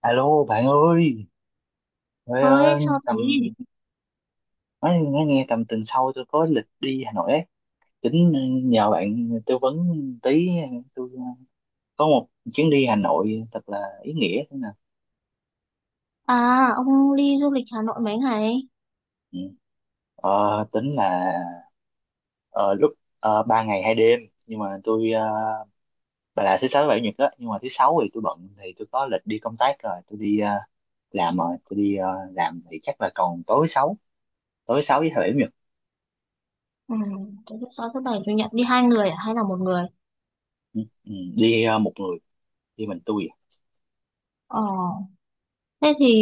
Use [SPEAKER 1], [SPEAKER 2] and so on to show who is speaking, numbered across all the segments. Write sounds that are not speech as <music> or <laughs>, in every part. [SPEAKER 1] Alo bạn ơi! Trời
[SPEAKER 2] Ôi
[SPEAKER 1] ơi,
[SPEAKER 2] sao thế?
[SPEAKER 1] nói nghe tầm tuần sau tôi có lịch đi Hà Nội ấy. Tính nhờ bạn tư vấn tí, tôi có một chuyến đi Hà Nội thật là ý nghĩa thế nào.
[SPEAKER 2] À, ông đi du lịch Hà Nội mấy ngày?
[SPEAKER 1] Ừ. Tính là ờ, lúc 3 ngày 2 đêm, nhưng mà tôi bà là thứ sáu, thứ bảy, chủ nhật đó, nhưng mà thứ sáu thì tôi bận, thì tôi có lịch đi công tác rồi, tôi đi làm rồi tôi đi làm, thì chắc là còn tối sáu với thứ bảy, chủ nhật.
[SPEAKER 2] Ừ, thế thứ sáu thứ bảy chủ nhật đi hai người à? Hay là một người?
[SPEAKER 1] Ừ. Ừ, đi một người, đi mình tôi.
[SPEAKER 2] Ờ, thế thì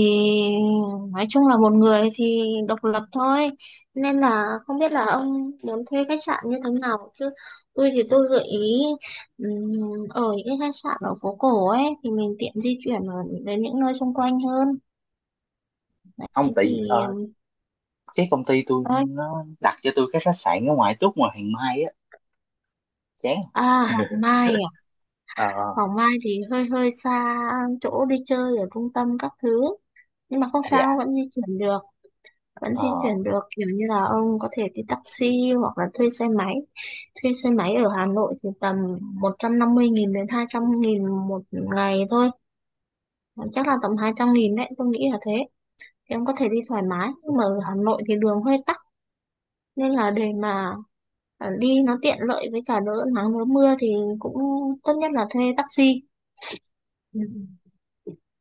[SPEAKER 2] nói chung là một người thì độc lập thôi. Nên là không biết là ông muốn thuê khách sạn như thế nào chứ. Tôi thì tôi gợi ý, ở những cái khách sạn ở phố cổ ấy thì mình tiện di chuyển ở đến những nơi xung quanh hơn. Thế
[SPEAKER 1] Không, tại
[SPEAKER 2] thì...
[SPEAKER 1] vì cái công ty tôi
[SPEAKER 2] ơi,
[SPEAKER 1] nó đặt cho tôi cái khách sạn ở ngoài, trước ngoài Hàng Mai á. Chán.
[SPEAKER 2] à, Hoàng Mai à?
[SPEAKER 1] Ờ.
[SPEAKER 2] Hoàng Mai thì hơi hơi xa, chỗ đi chơi ở trung tâm các thứ, nhưng mà không
[SPEAKER 1] À, dạ.
[SPEAKER 2] sao, vẫn di chuyển được vẫn
[SPEAKER 1] Ờ.
[SPEAKER 2] di chuyển được kiểu như là ông có thể đi taxi hoặc là thuê xe máy ở Hà Nội thì tầm 150.000 đến 200.000 một ngày thôi. Ờ, chắc là tầm 200.000 đấy, tôi nghĩ là thế, thì ông có thể đi thoải mái, nhưng mà ở Hà Nội thì đường hơi tắc, nên là để mà đi nó tiện lợi với cả đỡ nắng đỡ mưa thì cũng tốt nhất là thuê taxi. Ừ.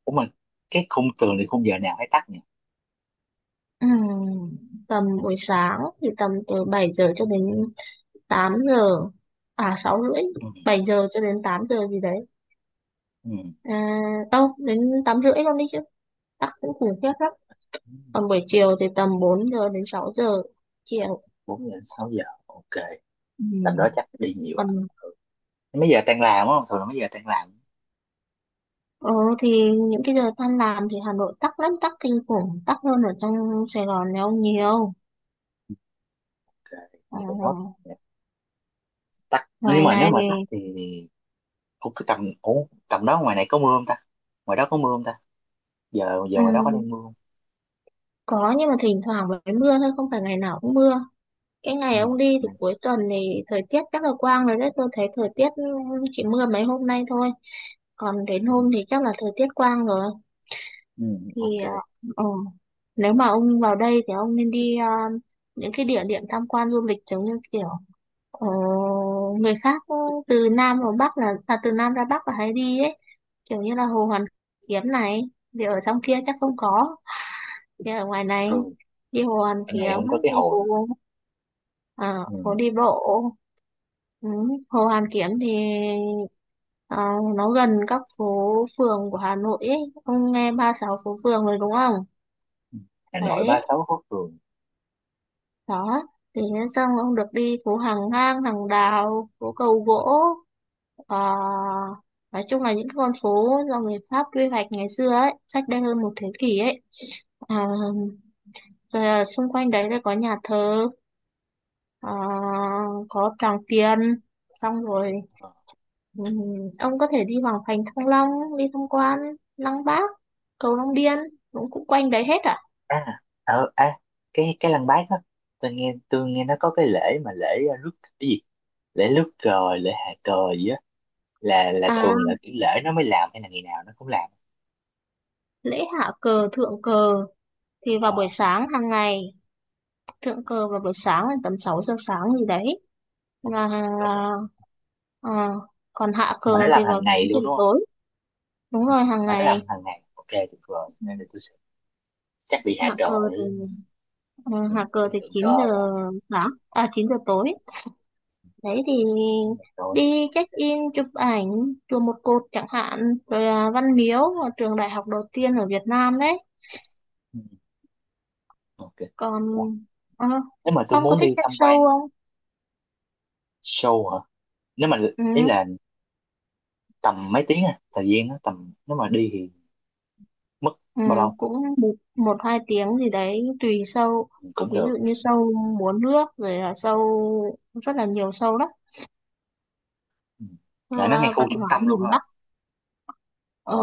[SPEAKER 1] Ủa mà cái khung tường thì khung giờ nào hay tắt nhỉ?
[SPEAKER 2] Ừm, tầm buổi sáng thì tầm từ 7 giờ cho đến 8 giờ, à 6 rưỡi,
[SPEAKER 1] Ừ.
[SPEAKER 2] 7 giờ cho đến 8 giờ gì đấy,
[SPEAKER 1] Ừ,
[SPEAKER 2] à, đâu đến 8 rưỡi luôn đi chứ, tắc cũng khủng khiếp lắm. Còn buổi chiều thì tầm 4 giờ đến 6 giờ chiều.
[SPEAKER 1] 4 giờ đến 6 giờ, ok. Tầm đó
[SPEAKER 2] Ừm.
[SPEAKER 1] chắc đi nhiều à?
[SPEAKER 2] Còn
[SPEAKER 1] Mấy giờ tan làm á, thường là mấy giờ tan làm?
[SPEAKER 2] ờ, thì những cái giờ tan làm thì Hà Nội tắc lắm, tắc kinh khủng, tắc hơn ở trong Sài Gòn này ông nhiều.
[SPEAKER 1] Ok
[SPEAKER 2] À,
[SPEAKER 1] để nốt. Tắt, nhưng
[SPEAKER 2] ngoài
[SPEAKER 1] mà nếu
[SPEAKER 2] này,
[SPEAKER 1] mà tắt thì... Ủa tầm đó ngoài này có mưa không ta? Ngoài đó có mưa không ta? Giờ giờ ngoài đó có đang
[SPEAKER 2] ừm,
[SPEAKER 1] mưa không?
[SPEAKER 2] có, nhưng mà thỉnh thoảng mới mưa thôi, không phải ngày nào cũng mưa. Cái ngày
[SPEAKER 1] Ừ.
[SPEAKER 2] ông đi
[SPEAKER 1] Ừ.
[SPEAKER 2] thì cuối tuần thì thời tiết chắc là quang rồi đấy. Tôi thấy thời tiết, ừ, chỉ mưa mấy hôm nay thôi. Còn đến
[SPEAKER 1] Ừ,
[SPEAKER 2] hôm thì chắc là thời tiết quang rồi.
[SPEAKER 1] ừ,
[SPEAKER 2] Thì
[SPEAKER 1] ok
[SPEAKER 2] ờ, ừ. Nếu mà ông vào đây thì ông nên đi, những cái địa điểm tham quan du lịch giống như kiểu, ờ, người khác, ừ, từ Nam vào Bắc là à, từ Nam ra Bắc là hay đi ấy. Kiểu như là Hồ Hoàn Kiếm này. Thì ở trong kia chắc không có, đi ở ngoài này
[SPEAKER 1] rồi.
[SPEAKER 2] đi Hồ Hoàn
[SPEAKER 1] Ở
[SPEAKER 2] Kiếm,
[SPEAKER 1] này không có cái
[SPEAKER 2] đi
[SPEAKER 1] hồ nữa.
[SPEAKER 2] phố, à, phố
[SPEAKER 1] Ừ,
[SPEAKER 2] đi bộ. Ừ. Hồ Hoàn Kiếm thì ờ, nó gần các phố phường của Hà Nội ấy. Ông nghe 36 phố phường rồi đúng không,
[SPEAKER 1] Hà Nội ba
[SPEAKER 2] đấy,
[SPEAKER 1] sáu phố phường
[SPEAKER 2] đó, thì thế xong ông được đi phố Hàng Ngang Hàng Đào, phố Cầu Gỗ. Ờ, nói chung là những cái con phố do người Pháp quy hoạch ngày xưa ấy, cách đây hơn một thế kỷ ấy. À, rồi là xung quanh đấy là có nhà thờ, ờ, có Tràng Tiền, xong rồi,
[SPEAKER 1] Ờ.
[SPEAKER 2] ừm, ông có thể đi Hoàng Thành Thăng Long, đi tham quan Lăng Bác, cầu Long Biên, cũng cũng quanh đấy hết. À,
[SPEAKER 1] à, ờ, à cái Lăng Bác đó, tôi nghe nó có cái lễ, mà lễ rước cái gì, lễ rước cờ, lễ hạ cờ gì á. Là
[SPEAKER 2] à,
[SPEAKER 1] thường là kiểu lễ nó mới làm hay là ngày nào nó cũng làm?
[SPEAKER 2] lễ hạ cờ thượng cờ thì
[SPEAKER 1] Ờ.
[SPEAKER 2] vào buổi sáng hàng ngày, thượng cờ vào buổi sáng là tầm 6 giờ sáng gì đấy,
[SPEAKER 1] Không,
[SPEAKER 2] và
[SPEAKER 1] không,
[SPEAKER 2] ờ, còn hạ
[SPEAKER 1] mà nó
[SPEAKER 2] cờ thì
[SPEAKER 1] làm hàng
[SPEAKER 2] vào chín
[SPEAKER 1] ngày
[SPEAKER 2] giờ
[SPEAKER 1] luôn đúng không?
[SPEAKER 2] tối Đúng rồi, hàng
[SPEAKER 1] Mà nó
[SPEAKER 2] ngày.
[SPEAKER 1] làm hàng ngày, ok tuyệt vời.
[SPEAKER 2] Ừ,
[SPEAKER 1] Đây là tôi sẽ chắc đi hạ
[SPEAKER 2] hạ cờ
[SPEAKER 1] cờ để...
[SPEAKER 2] thì
[SPEAKER 1] Ừ, cái thượng
[SPEAKER 2] chín giờ
[SPEAKER 1] cờ và...
[SPEAKER 2] sáng à 9 giờ tối đấy, thì
[SPEAKER 1] đúng là tối.
[SPEAKER 2] đi check in chụp ảnh chùa Một Cột chẳng hạn, rồi là Văn Miếu là trường đại học đầu tiên ở Việt Nam đấy.
[SPEAKER 1] Ừ, ok.
[SPEAKER 2] Còn
[SPEAKER 1] Ủa,
[SPEAKER 2] ờ,
[SPEAKER 1] nếu mà tôi
[SPEAKER 2] ông có
[SPEAKER 1] muốn
[SPEAKER 2] thích
[SPEAKER 1] đi
[SPEAKER 2] xem
[SPEAKER 1] tham
[SPEAKER 2] show
[SPEAKER 1] quan
[SPEAKER 2] không?
[SPEAKER 1] show hả? Nếu mà
[SPEAKER 2] Ừ,
[SPEAKER 1] ý là tầm mấy tiếng, à thời gian nó tầm nếu mà đi thì mất
[SPEAKER 2] ừ,
[SPEAKER 1] bao lâu?
[SPEAKER 2] cũng một hai tiếng gì đấy tùy show,
[SPEAKER 1] Thì cũng
[SPEAKER 2] ví
[SPEAKER 1] được.
[SPEAKER 2] dụ như show múa nước rồi là show, rất là nhiều show đó,
[SPEAKER 1] Ừ. Lại
[SPEAKER 2] show
[SPEAKER 1] nó ngay
[SPEAKER 2] à,
[SPEAKER 1] khu
[SPEAKER 2] văn
[SPEAKER 1] trung
[SPEAKER 2] hóa
[SPEAKER 1] tâm luôn các
[SPEAKER 2] miền Bắc.
[SPEAKER 1] bạn. Ờ.
[SPEAKER 2] Ờ,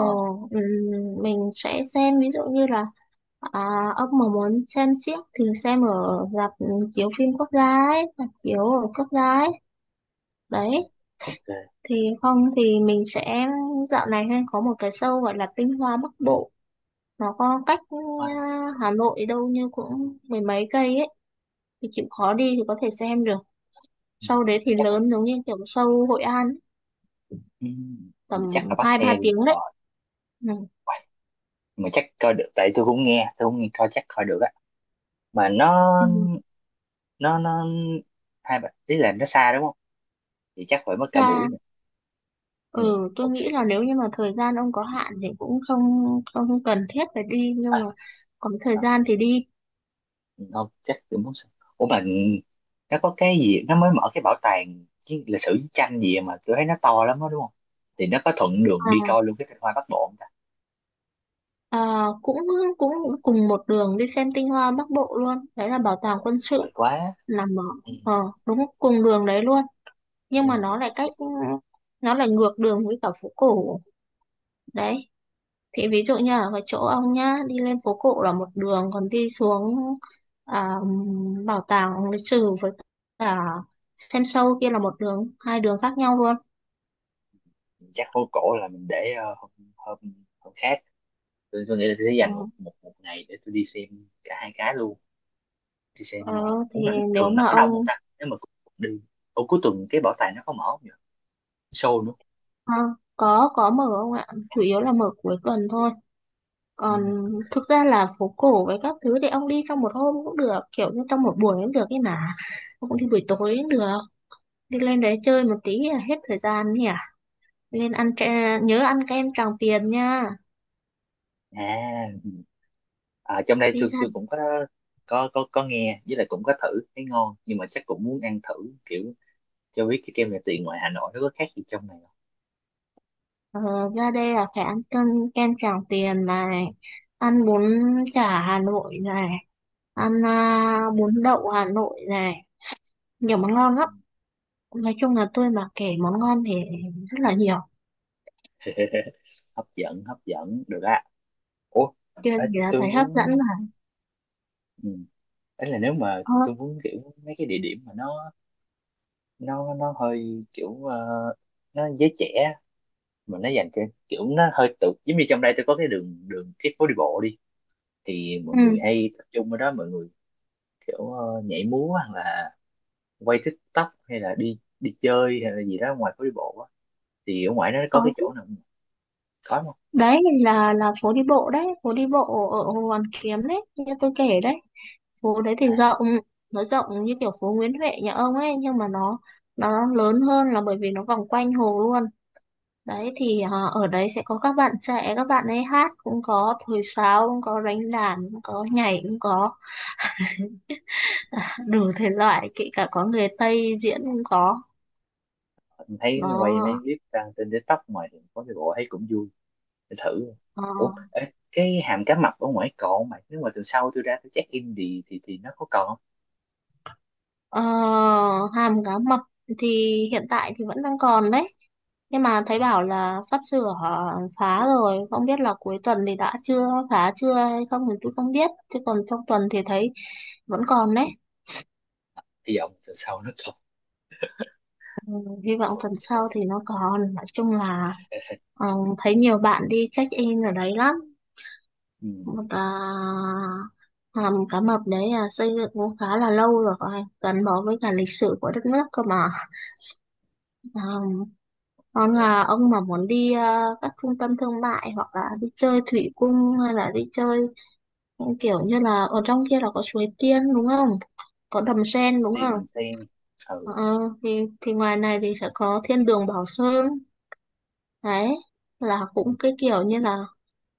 [SPEAKER 2] ừ, mình sẽ xem ví dụ như là... À, ông mà muốn xem xiếc thì xem ở rạp, ừ, chiếu phim quốc gia ấy, rạp chiếu ở quốc gia ấy. Đấy,
[SPEAKER 1] Ừ, ok.
[SPEAKER 2] thì không thì mình sẽ... dạo này hay có một cái show gọi là Tinh Hoa Bắc Bộ. Nó có cách, ừ,
[SPEAKER 1] Quá-
[SPEAKER 2] Hà Nội đâu như cũng mười mấy cây ấy. Thì chịu khó đi thì có thể xem được.
[SPEAKER 1] ừ,
[SPEAKER 2] Show đấy thì
[SPEAKER 1] chắc là
[SPEAKER 2] lớn, giống như kiểu show Hội An ấy,
[SPEAKER 1] ừ, mình chắc là
[SPEAKER 2] tầm
[SPEAKER 1] bắt
[SPEAKER 2] hai ba
[SPEAKER 1] xe đi
[SPEAKER 2] tiếng đấy. Ừ.
[SPEAKER 1] vậy. Mà chắc coi được, tại tôi cũng nghe coi chắc coi được á. Mà nó
[SPEAKER 2] Ừ.
[SPEAKER 1] nó nó hai bạn ý là nó xa đúng không? Thì chắc phải mất cả buổi
[SPEAKER 2] Ra...
[SPEAKER 1] nữa. Ừ,
[SPEAKER 2] Ừ, tôi
[SPEAKER 1] ok
[SPEAKER 2] nghĩ là
[SPEAKER 1] được.
[SPEAKER 2] nếu như mà thời gian ông có
[SPEAKER 1] Ừ.
[SPEAKER 2] hạn thì cũng không, không cần thiết phải đi, nhưng
[SPEAKER 1] À.
[SPEAKER 2] mà có thời
[SPEAKER 1] À,
[SPEAKER 2] gian thì đi.
[SPEAKER 1] không, chắc kiểu muốn xem. Ủa mà nó có cái gì nó mới mở, cái bảo tàng cái lịch sử chiến tranh gì mà tôi thấy nó to lắm đó đúng không? Thì nó có thuận đường đi
[SPEAKER 2] À,
[SPEAKER 1] coi luôn cái Tinh Hoa Bắc Bộ không ta?
[SPEAKER 2] à, cũng cũng
[SPEAKER 1] Ừ.
[SPEAKER 2] cùng một đường đi xem tinh hoa Bắc Bộ luôn đấy, là bảo tàng quân
[SPEAKER 1] Tuyệt vời
[SPEAKER 2] sự,
[SPEAKER 1] quá.
[SPEAKER 2] nằm ở
[SPEAKER 1] Ừ.
[SPEAKER 2] đúng cùng đường đấy luôn, nhưng
[SPEAKER 1] Ừ.
[SPEAKER 2] mà nó lại cách, nó lại ngược đường với cả phố cổ đấy. Thì ví dụ như ở cái chỗ ông nhá, đi lên phố cổ là một đường, còn đi xuống à, bảo tàng lịch sử với cả xem show kia là một đường, hai đường khác nhau luôn.
[SPEAKER 1] Chắc hố cổ là mình để ờ, hôm, hôm hôm khác. Tôi nghĩ là tôi sẽ
[SPEAKER 2] Ừ.
[SPEAKER 1] dành một một một ngày để tôi đi xem cả hai cái luôn. Đi xem
[SPEAKER 2] Ờ, thì
[SPEAKER 1] cũng là
[SPEAKER 2] nếu
[SPEAKER 1] thường nó
[SPEAKER 2] mà
[SPEAKER 1] có đông không
[SPEAKER 2] ông,
[SPEAKER 1] ta? Nếu mà cũng đi... Ủa cuối tuần cái bảo tàng nó có mở không nhỉ? Show nữa.
[SPEAKER 2] à, có mở không ạ? Chủ yếu là mở cuối tuần thôi.
[SPEAKER 1] Ừ.
[SPEAKER 2] Còn
[SPEAKER 1] Ok.
[SPEAKER 2] thực ra là phố cổ với các thứ thì ông đi trong một hôm cũng được, kiểu như trong một buổi cũng được ấy mà. Ông cũng đi buổi tối cũng được. Đi lên đấy chơi một tí là hết thời gian nhỉ? Lên ăn tre-, nhớ ăn kem Tràng Tiền nha.
[SPEAKER 1] À, à, trong đây
[SPEAKER 2] Đi
[SPEAKER 1] tôi
[SPEAKER 2] ra,
[SPEAKER 1] tôi cũng có nghe, với lại cũng có thử thấy ngon, nhưng mà chắc cũng muốn ăn thử kiểu cho biết cái kem nhà tiền ngoài Hà Nội nó có khác gì trong này
[SPEAKER 2] ờ, ra đây là phải ăn cơm, kem Tràng Tiền này, ăn bún chả Hà Nội này, ăn à, bún đậu Hà Nội này, nhiều món ngon lắm.
[SPEAKER 1] không.
[SPEAKER 2] Nói chung là tôi mà kể món ngon thì rất là nhiều.
[SPEAKER 1] <laughs> Hấp dẫn, hấp dẫn được á. Ủa.
[SPEAKER 2] Chưa
[SPEAKER 1] À,
[SPEAKER 2] gì là
[SPEAKER 1] tôi
[SPEAKER 2] thấy hấp dẫn
[SPEAKER 1] muốn.
[SPEAKER 2] là,
[SPEAKER 1] Ừ. Ấy là nếu mà
[SPEAKER 2] ờ,
[SPEAKER 1] tôi muốn kiểu mấy cái địa điểm mà nó hơi kiểu nó giới trẻ, mà nó dành cho kiểu nó hơi tự, giống như trong đây tôi có cái đường đường cái phố đi bộ đi, thì mọi người
[SPEAKER 2] ừ,
[SPEAKER 1] hay tập trung ở đó, mọi người kiểu nhảy múa, hoặc là quay TikTok, hay là đi đi chơi hay là gì đó ngoài phố đi bộ á, thì ở ngoài nó
[SPEAKER 2] có
[SPEAKER 1] có cái
[SPEAKER 2] chứ.
[SPEAKER 1] chỗ nào có không?
[SPEAKER 2] Đấy là phố đi bộ đấy, phố đi bộ ở Hồ Hoàn Kiếm đấy, như tôi kể đấy. Phố đấy thì
[SPEAKER 1] À,
[SPEAKER 2] rộng, nó rộng như kiểu phố Nguyễn Huệ nhà ông ấy, nhưng mà nó lớn hơn là bởi vì nó vòng quanh hồ luôn. Đấy thì ở đấy sẽ có các bạn trẻ, các bạn ấy hát cũng có, thổi sáo cũng có, đánh đàn cũng có, nhảy cũng có, <laughs> à, đủ thể loại, kể cả có người Tây diễn cũng có.
[SPEAKER 1] mình thấy quay
[SPEAKER 2] Nó
[SPEAKER 1] mấy clip đăng trên TikTok, ngoài thì phố đi bộ thấy cũng vui, để thử.
[SPEAKER 2] ờ,
[SPEAKER 1] Ủa ê, cái hàm cá mập ở ngoài còn không mày, nếu mà tuần sau tôi ra tôi check in thì nó có còn không?
[SPEAKER 2] ờ, hàm cá mập thì hiện tại thì vẫn đang còn đấy, nhưng mà thấy
[SPEAKER 1] Ừ.
[SPEAKER 2] bảo là sắp sửa, ờ, phá rồi, không biết là cuối tuần thì đã chưa phá chưa hay không thì tôi không biết, chứ còn trong tuần thì thấy vẫn còn đấy.
[SPEAKER 1] Hy vọng tuần sau nó còn.
[SPEAKER 2] Hy
[SPEAKER 1] <laughs>
[SPEAKER 2] vọng tuần sau
[SPEAKER 1] Ok.
[SPEAKER 2] thì nó còn. Nói chung là, ờ, thấy nhiều bạn đi check in ở đấy lắm.
[SPEAKER 1] Ừ,
[SPEAKER 2] Một, à, hầm cá mập đấy là xây dựng cũng khá là lâu rồi, phải gắn bó với cả lịch sử của đất nước cơ mà. Ờ, còn
[SPEAKER 1] để
[SPEAKER 2] là ông mà muốn đi, ờ, các trung tâm thương mại hoặc là đi chơi thủy cung hay là đi chơi những kiểu như là ở trong kia là có suối tiên đúng không, có đầm sen đúng
[SPEAKER 1] đi
[SPEAKER 2] không.
[SPEAKER 1] mình xem. Ừ.
[SPEAKER 2] Ờ, thì ngoài này thì sẽ có thiên đường Bảo Sơn. Đấy, là cũng cái kiểu như là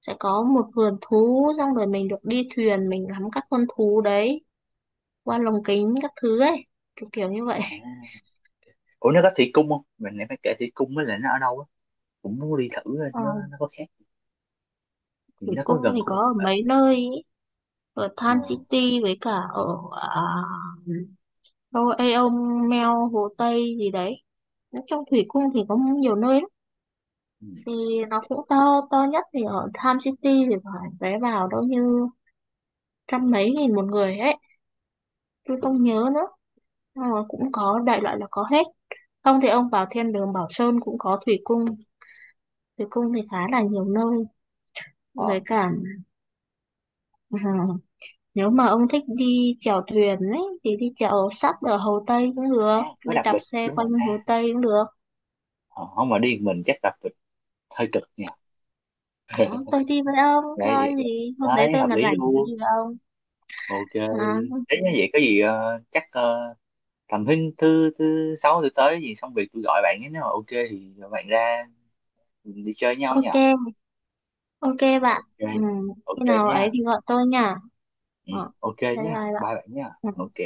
[SPEAKER 2] sẽ có một vườn thú, xong rồi mình được đi thuyền, mình ngắm các con thú đấy qua lồng kính các thứ ấy, kiểu kiểu như vậy.
[SPEAKER 1] À, ủa nó có thủy cung không, mình lại phải kể thủy cung với lại nó ở đâu á, cũng muốn đi thử.
[SPEAKER 2] Ờ,
[SPEAKER 1] Nó có, thì
[SPEAKER 2] Thủy
[SPEAKER 1] nó có
[SPEAKER 2] Cung
[SPEAKER 1] gần
[SPEAKER 2] thì có
[SPEAKER 1] khu tự
[SPEAKER 2] ở mấy nơi ý. Ở
[SPEAKER 1] ờ,
[SPEAKER 2] Tan City với cả ở à, đâu Aeon Mel Hồ Tây gì đấy. Nói chung Thủy Cung thì có nhiều nơi lắm.
[SPEAKER 1] ừ,
[SPEAKER 2] Thì nó cũng to, to nhất thì ở Tham City thì phải vé vào đâu như trăm mấy nghìn một người ấy. Tôi
[SPEAKER 1] ừ.
[SPEAKER 2] không nhớ nữa. Ờ, cũng có đại loại là có hết, không thì ông vào thiên đường Bảo Sơn cũng có thủy cung. Thủy cung thì khá là nhiều nơi
[SPEAKER 1] Ờ.
[SPEAKER 2] với cả, ờ, nếu mà ông thích đi chèo thuyền ấy thì đi chèo sắp ở Hồ Tây cũng được,
[SPEAKER 1] À, có
[SPEAKER 2] đi
[SPEAKER 1] đặc
[SPEAKER 2] đạp
[SPEAKER 1] biệt
[SPEAKER 2] xe
[SPEAKER 1] đúng
[SPEAKER 2] quanh
[SPEAKER 1] rồi. À,
[SPEAKER 2] Hồ Tây cũng được.
[SPEAKER 1] ờ, không mà đi một mình chắc đặc biệt hơi cực nha.
[SPEAKER 2] À, tôi đi với ông coi
[SPEAKER 1] Đấy.
[SPEAKER 2] gì hôm đấy
[SPEAKER 1] Đấy
[SPEAKER 2] tôi
[SPEAKER 1] hợp
[SPEAKER 2] mà
[SPEAKER 1] lý
[SPEAKER 2] rảnh tôi
[SPEAKER 1] luôn,
[SPEAKER 2] đi với ông.
[SPEAKER 1] ok.
[SPEAKER 2] À,
[SPEAKER 1] Thế như vậy có gì chắc tầm thứ thứ thứ sáu tôi tới gì xong việc tôi gọi bạn ấy, nếu mà ok thì bạn ra mình đi chơi với nhau nhỉ.
[SPEAKER 2] ok, ok bạn.
[SPEAKER 1] Ok.
[SPEAKER 2] Ừ, khi
[SPEAKER 1] Ok
[SPEAKER 2] nào
[SPEAKER 1] nha.
[SPEAKER 2] ấy thì gọi tôi nha.
[SPEAKER 1] Ừ,
[SPEAKER 2] Ờ,
[SPEAKER 1] ok
[SPEAKER 2] bye
[SPEAKER 1] nha,
[SPEAKER 2] bye bạn.
[SPEAKER 1] bye bạn nha.
[SPEAKER 2] Ừ.
[SPEAKER 1] Ok.